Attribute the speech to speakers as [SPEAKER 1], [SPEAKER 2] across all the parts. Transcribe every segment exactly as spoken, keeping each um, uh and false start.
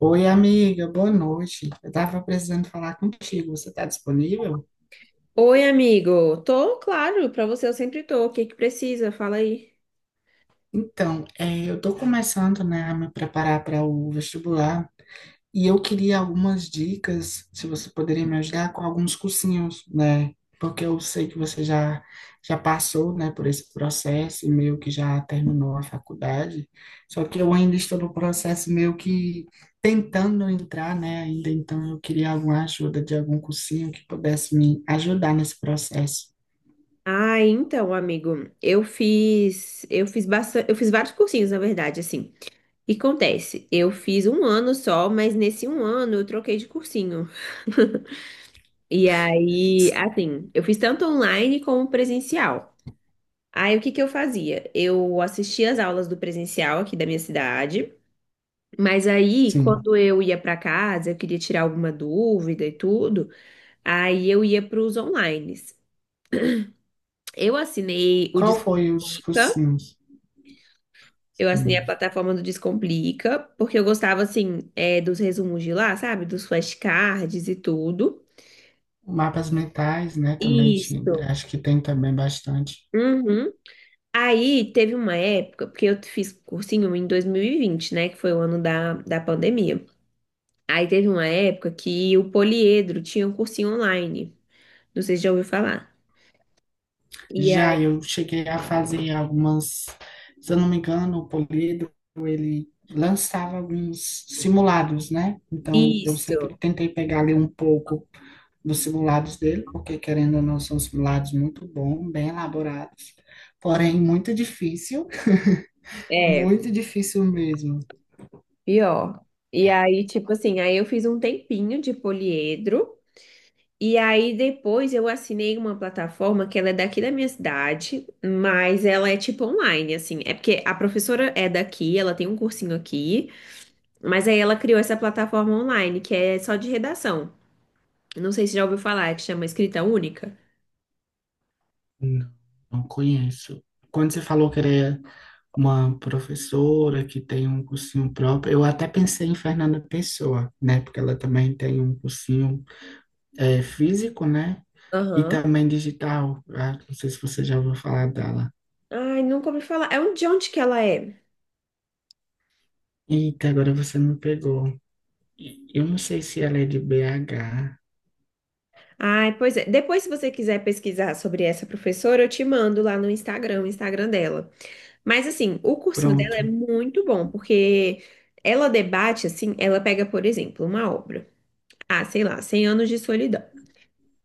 [SPEAKER 1] Oi, amiga, boa noite. Eu estava precisando falar contigo. Você está disponível?
[SPEAKER 2] Oi, amigo. Tô, claro, pra você eu sempre tô. O que que precisa? Fala aí.
[SPEAKER 1] Então, eh, eu estou começando, né, a me preparar para o vestibular. E eu queria algumas dicas, se você poderia me ajudar com alguns cursinhos, né? Porque eu sei que você já já passou, né, por esse processo e meio que já terminou a faculdade. Só que eu ainda estou no processo meio que tentando entrar, né, ainda, então eu queria alguma ajuda de algum cursinho que pudesse me ajudar nesse processo.
[SPEAKER 2] Ah, então, amigo, eu fiz, eu fiz bastante, eu fiz vários cursinhos, na verdade, assim. E acontece, eu fiz um ano só, mas nesse um ano eu troquei de cursinho. E aí, assim, eu fiz tanto online como presencial. Aí, o que que eu fazia? Eu assistia as aulas do presencial aqui da minha cidade, mas aí,
[SPEAKER 1] Sim.
[SPEAKER 2] quando eu ia pra casa, eu queria tirar alguma dúvida e tudo. Aí eu ia para os onlines. Eu assinei o
[SPEAKER 1] Qual foi os
[SPEAKER 2] Descomplica,
[SPEAKER 1] cursinhos?
[SPEAKER 2] eu assinei a
[SPEAKER 1] Hum.
[SPEAKER 2] plataforma do Descomplica, porque eu gostava, assim, é, dos resumos de lá, sabe? Dos flashcards e tudo.
[SPEAKER 1] Mapas mentais, né, também tinha,
[SPEAKER 2] Isso.
[SPEAKER 1] acho que tem também bastante.
[SPEAKER 2] Uhum. Aí teve uma época, porque eu fiz cursinho em dois mil e vinte, né? Que foi o ano da, da pandemia. Aí teve uma época que o Poliedro tinha um cursinho online. Não sei se já ouviu falar. E
[SPEAKER 1] Já
[SPEAKER 2] aí,
[SPEAKER 1] eu cheguei a fazer algumas, se eu não me engano, o Poliedro, ele lançava alguns simulados, né? Então, eu sempre
[SPEAKER 2] isso.
[SPEAKER 1] tentei pegar ali um pouco dos simulados dele, porque querendo ou não, são simulados muito bons, bem elaborados, porém muito difícil,
[SPEAKER 2] É.
[SPEAKER 1] muito difícil mesmo.
[SPEAKER 2] Pior. E aí, tipo assim, aí eu fiz um tempinho de poliedro. E aí depois eu assinei uma plataforma que ela é daqui da minha cidade, mas ela é tipo online, assim. É porque a professora é daqui, ela tem um cursinho aqui, mas aí ela criou essa plataforma online que é só de redação. Não sei se já ouviu falar, é que chama Escrita Única.
[SPEAKER 1] Não, não conheço. Quando você falou que era uma professora que tem um cursinho próprio, eu até pensei em Fernanda Pessoa, né? Porque ela também tem um cursinho é, físico, né? E
[SPEAKER 2] Aham.
[SPEAKER 1] também digital. Ah, não sei se você já ouviu falar dela.
[SPEAKER 2] Ai, nunca ouvi falar. É um, de onde que ela é?
[SPEAKER 1] Eita, agora você me pegou. E- Eu não sei se ela é de B H.
[SPEAKER 2] Ai, pois é. Depois, se você quiser pesquisar sobre essa professora, eu te mando lá no Instagram, o Instagram dela. Mas assim, o cursinho dela é
[SPEAKER 1] Pronto.
[SPEAKER 2] muito bom, porque ela debate assim, ela pega, por exemplo, uma obra, ah, sei lá, cem anos de solidão.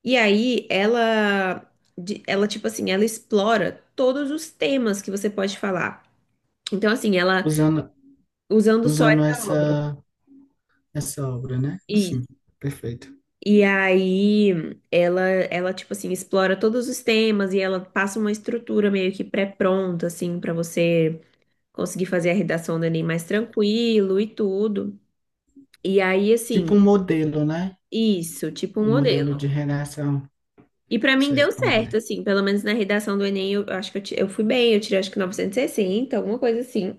[SPEAKER 2] E aí ela de- ela tipo assim, ela explora todos os temas que você pode falar. Então assim, ela
[SPEAKER 1] Usando,
[SPEAKER 2] usando só
[SPEAKER 1] usando
[SPEAKER 2] essa obra.
[SPEAKER 1] essa, essa obra, né?
[SPEAKER 2] E
[SPEAKER 1] Sim, perfeito.
[SPEAKER 2] e aí ela ela tipo assim, explora todos os temas e ela passa uma estrutura meio que pré-pronta assim para você conseguir fazer a redação do Enem mais tranquilo e tudo. E aí,
[SPEAKER 1] Tipo
[SPEAKER 2] assim,
[SPEAKER 1] um modelo, né?
[SPEAKER 2] isso, tipo um
[SPEAKER 1] Um
[SPEAKER 2] modelo.
[SPEAKER 1] modelo de redação.
[SPEAKER 2] E pra mim
[SPEAKER 1] Sei
[SPEAKER 2] deu
[SPEAKER 1] como
[SPEAKER 2] certo,
[SPEAKER 1] é.
[SPEAKER 2] assim, pelo menos na redação do Enem, eu, eu acho que eu, ti- eu fui bem, eu tirei acho que novecentos e sessenta alguma coisa assim.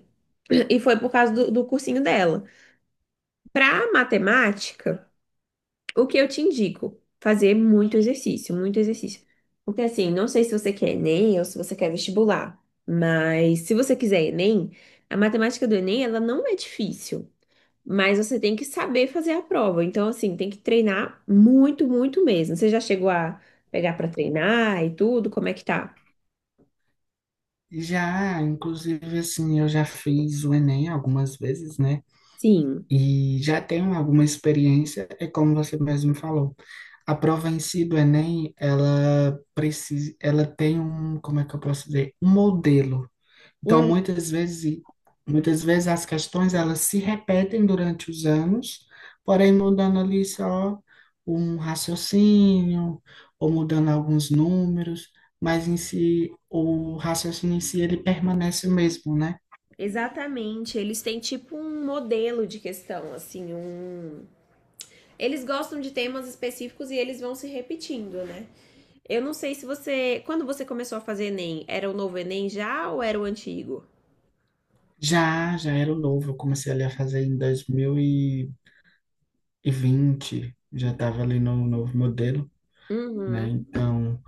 [SPEAKER 2] E foi por causa do, do cursinho dela. Pra matemática, o que eu te indico? Fazer muito exercício, muito exercício. Porque assim, não sei se você quer Enem ou se você quer vestibular, mas se você quiser Enem, a matemática do Enem, ela não é difícil. Mas você tem que saber fazer a prova. Então, assim, tem que treinar muito, muito mesmo. Você já chegou a pegar para treinar e tudo? Como é que tá?
[SPEAKER 1] Já, inclusive, assim, eu já fiz o Enem algumas vezes, né?
[SPEAKER 2] Sim.
[SPEAKER 1] E já tenho alguma experiência, é como você mesmo falou. A prova em si do Enem, ela precisa, ela tem um, como é que eu posso dizer, um modelo. Então,
[SPEAKER 2] Hum,
[SPEAKER 1] muitas vezes, muitas vezes as questões elas se repetem durante os anos, porém mudando ali só um raciocínio ou mudando alguns números, mas em si o raciocínio em si ele permanece o mesmo, né?
[SPEAKER 2] exatamente. Eles têm tipo um modelo de questão, assim, um. Eles gostam de temas específicos e eles vão se repetindo, né? Eu não sei se você. Quando você começou a fazer Enem, era o novo Enem já ou era o antigo?
[SPEAKER 1] Já, já era o novo, eu comecei ali a fazer em dois mil e e vinte, já estava ali no novo modelo, né?
[SPEAKER 2] Uhum.
[SPEAKER 1] Então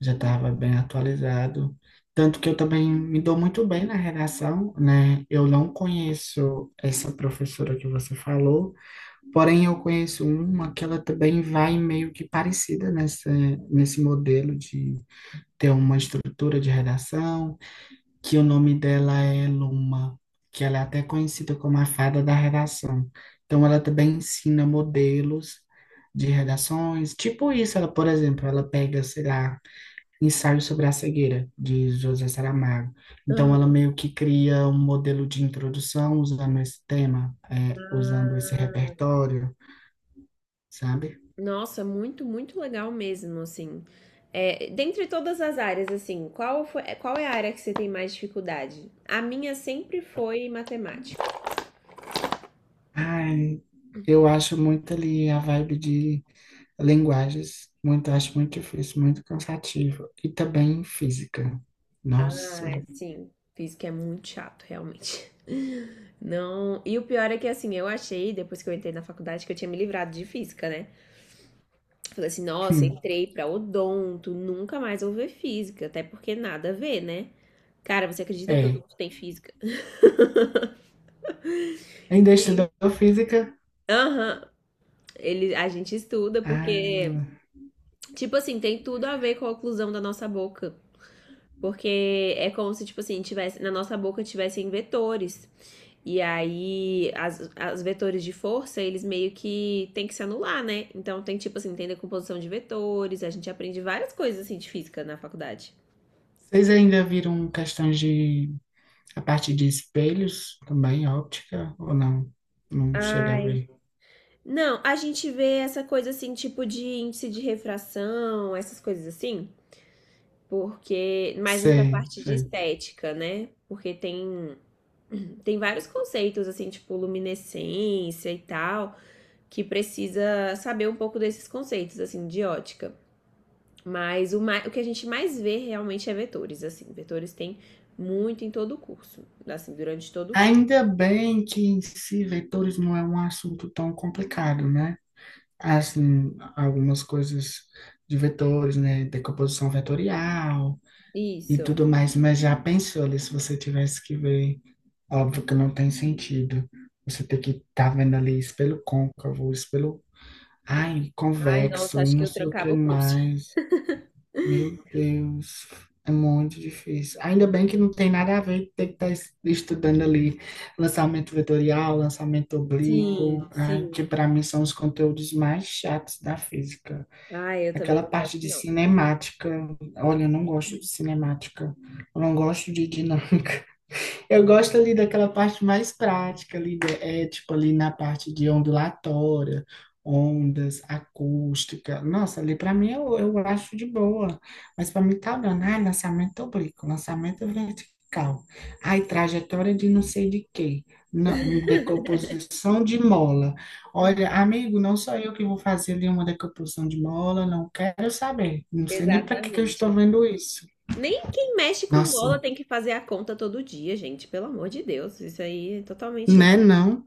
[SPEAKER 1] já estava bem atualizado. Tanto que eu também me dou muito bem na redação, né? Eu não conheço essa professora que você falou, porém eu conheço uma que ela também vai meio que parecida nessa, nesse modelo de ter uma estrutura de redação, que o nome dela é Luma, que ela é até conhecida como a fada da redação. Então, ela também ensina modelos de redações, tipo isso, ela, por exemplo, ela pega, sei lá, Ensaio sobre a Cegueira, de José Saramago. Então,
[SPEAKER 2] Aham.
[SPEAKER 1] ela meio que cria um modelo de introdução usando esse tema, é, usando esse repertório, sabe?
[SPEAKER 2] Nossa, muito, muito legal mesmo, assim. É, dentre todas as áreas, assim, qual foi, qual é a área que você tem mais dificuldade? A minha sempre foi matemática.
[SPEAKER 1] Ai, eu acho muito ali a vibe de linguagens, muito, acho muito difícil, muito cansativo. E também física. Nossa,
[SPEAKER 2] Ah, sim. Física é muito chato, realmente. Não. E o pior é que, assim, eu achei, depois que eu entrei na faculdade, que eu tinha me livrado de física, né? Falei assim, nossa,
[SPEAKER 1] hum,
[SPEAKER 2] entrei pra odonto, nunca mais vou ver física, até porque nada a ver, né? Cara, você acredita que
[SPEAKER 1] é.
[SPEAKER 2] odonto tem física?
[SPEAKER 1] Ainda estudou física?
[SPEAKER 2] Aham. Ele, a gente estuda
[SPEAKER 1] Ai, meu
[SPEAKER 2] porque
[SPEAKER 1] Deus.
[SPEAKER 2] tipo assim, tem tudo a ver com a oclusão da nossa boca. Porque é como se, tipo assim, tivesse, na nossa boca tivessem vetores. E aí, as, as vetores de força, eles meio que tem que se anular, né? Então tem, tipo assim, tem decomposição de vetores, a gente aprende várias coisas assim de física na faculdade.
[SPEAKER 1] Vocês ainda viram questões de a parte de espelhos também, óptica, ou não? Não chega a
[SPEAKER 2] Ai.
[SPEAKER 1] ver.
[SPEAKER 2] Não, a gente vê essa coisa assim, tipo de índice de refração, essas coisas assim, porque mais nessa
[SPEAKER 1] Sei,
[SPEAKER 2] parte de
[SPEAKER 1] sei.
[SPEAKER 2] estética, né? Porque tem tem vários conceitos, assim, tipo luminescência e tal, que precisa saber um pouco desses conceitos, assim, de ótica. Mas o, mais, o que a gente mais vê realmente é vetores, assim. Vetores tem muito em todo o curso, assim, durante todo o curso.
[SPEAKER 1] Ainda bem que em si vetores não é um assunto tão complicado, né? Assim, algumas coisas de vetores, né? Decomposição vetorial e
[SPEAKER 2] Isso.
[SPEAKER 1] tudo mais, mas já pensou ali se você tivesse que ver? Óbvio que não tem sentido. Você ter que estar vendo ali espelho côncavo, espelho, ai,
[SPEAKER 2] Ai, nossa,
[SPEAKER 1] convexo e
[SPEAKER 2] acho que
[SPEAKER 1] não
[SPEAKER 2] eu
[SPEAKER 1] sei o que
[SPEAKER 2] trancava o curso.
[SPEAKER 1] mais. Meu Deus, é muito difícil. Ainda bem que não tem nada a ver ter que estar es- estudando ali lançamento vetorial, lançamento
[SPEAKER 2] Sim,
[SPEAKER 1] oblíquo, né, que
[SPEAKER 2] sim.
[SPEAKER 1] para mim são os conteúdos mais chatos da física.
[SPEAKER 2] Ai, eu também
[SPEAKER 1] Aquela
[SPEAKER 2] não gosto,
[SPEAKER 1] parte de
[SPEAKER 2] não.
[SPEAKER 1] cinemática, olha, eu não gosto de cinemática, eu não gosto de dinâmica. Eu gosto ali daquela parte mais prática ali, né? É tipo ali na parte de ondulatória, ondas, acústica. Nossa, ali para mim eu, eu acho de boa. Mas para mim tá dando, ai, lançamento oblíquo, lançamento vertical. Ai, trajetória de não sei de quê. Não, decomposição de mola. Olha, amigo, não sou eu que vou fazer ali uma decomposição de mola, não quero saber. Não sei nem para que que eu estou
[SPEAKER 2] Exatamente.
[SPEAKER 1] vendo isso.
[SPEAKER 2] Nem quem mexe com bola
[SPEAKER 1] Nossa,
[SPEAKER 2] tem que fazer a conta todo dia, gente. Pelo amor de Deus. Isso aí é totalmente.
[SPEAKER 1] né, não?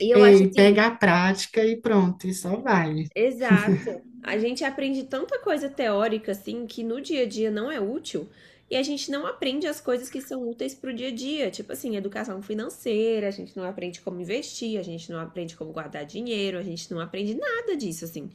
[SPEAKER 2] E eu acho
[SPEAKER 1] Ei,
[SPEAKER 2] assim,
[SPEAKER 1] pega a prática e pronto, e só vai.
[SPEAKER 2] exato. A gente aprende tanta coisa teórica assim que no dia a dia não é útil e a gente não aprende as coisas que são úteis para o dia a dia, tipo assim, educação financeira, a gente não aprende como investir, a gente não aprende como guardar dinheiro, a gente não aprende nada disso assim.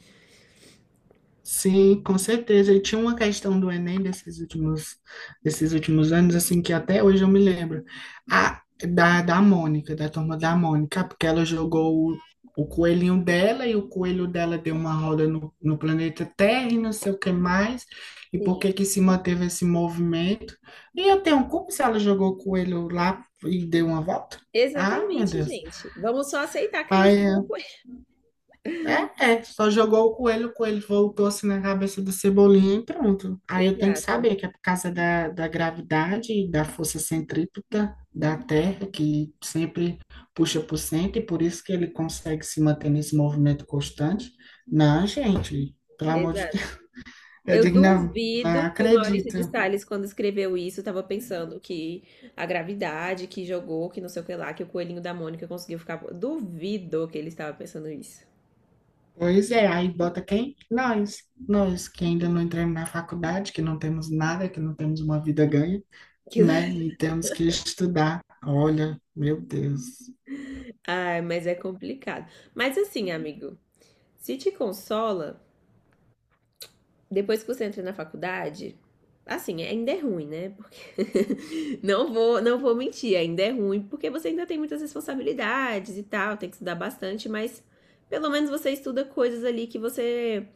[SPEAKER 1] Sim, com certeza. E tinha uma questão do Enem desses últimos, desses últimos anos, assim, que até hoje eu me lembro, a, da, da Mônica, da Turma da Mônica, porque ela jogou o, o coelhinho dela e o coelho dela deu uma roda no, no planeta Terra e não sei o que mais, e por que
[SPEAKER 2] Sim.
[SPEAKER 1] que se manteve esse movimento. E eu tenho como se ela jogou o coelho lá e deu uma volta? Ah, meu
[SPEAKER 2] Exatamente,
[SPEAKER 1] Deus.
[SPEAKER 2] gente. Vamos só aceitar que ela jogou com ele.
[SPEAKER 1] É, é, só jogou o coelho, o coelho voltou assim na cabeça do Cebolinha e pronto. Aí eu tenho que
[SPEAKER 2] Exato,
[SPEAKER 1] saber que é por causa da, da gravidade e da força centrípeta da Terra, que sempre puxa para o centro, e por isso que ele consegue se manter nesse movimento constante. Não, gente, pelo amor de
[SPEAKER 2] exato.
[SPEAKER 1] Deus. Eu
[SPEAKER 2] Eu
[SPEAKER 1] digo, não, não
[SPEAKER 2] duvido que o Maurício de
[SPEAKER 1] acredito.
[SPEAKER 2] Sales, quando escreveu isso, estava pensando que a gravidade, que jogou, que não sei o que lá, que o coelhinho da Mônica conseguiu ficar. Duvido que ele estava pensando isso.
[SPEAKER 1] Pois é, aí bota quem? Nós. Nós, que ainda não entramos na faculdade, que não temos nada, que não temos uma vida ganha.
[SPEAKER 2] Que-
[SPEAKER 1] Né? E temos que estudar. Olha, meu Deus.
[SPEAKER 2] Ai, mas é complicado. Mas assim, amigo, se te consola. Depois que você entra na faculdade, assim, ainda é ruim, né? Porque não vou, não vou mentir, ainda é ruim, porque você ainda tem muitas responsabilidades e tal, tem que estudar bastante, mas pelo menos você estuda coisas ali que você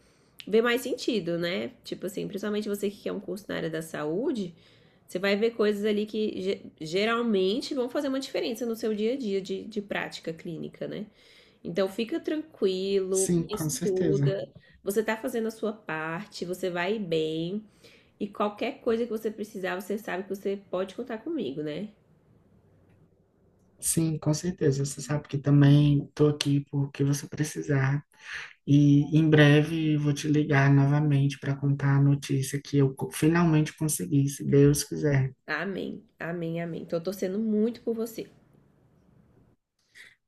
[SPEAKER 2] vê mais sentido, né? Tipo assim, principalmente você que quer um curso na área da saúde, você vai ver coisas ali que geralmente vão fazer uma diferença no seu dia a dia de, de prática clínica, né? Então fica tranquilo,
[SPEAKER 1] Sim, com certeza.
[SPEAKER 2] estuda, você tá fazendo a sua parte, você vai bem e qualquer coisa que você precisar, você sabe que você pode contar comigo, né?
[SPEAKER 1] Sim, com certeza. Você sabe que também estou aqui porque você precisar. E em breve vou te ligar novamente para contar a notícia que eu co- finalmente consegui, se Deus quiser.
[SPEAKER 2] Amém. Amém, amém. Tô torcendo muito por você.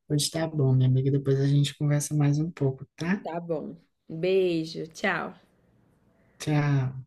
[SPEAKER 1] Pois tá bom, minha amiga. Depois a gente conversa mais um pouco, tá?
[SPEAKER 2] Tá bom. Beijo, tchau.
[SPEAKER 1] Tchau.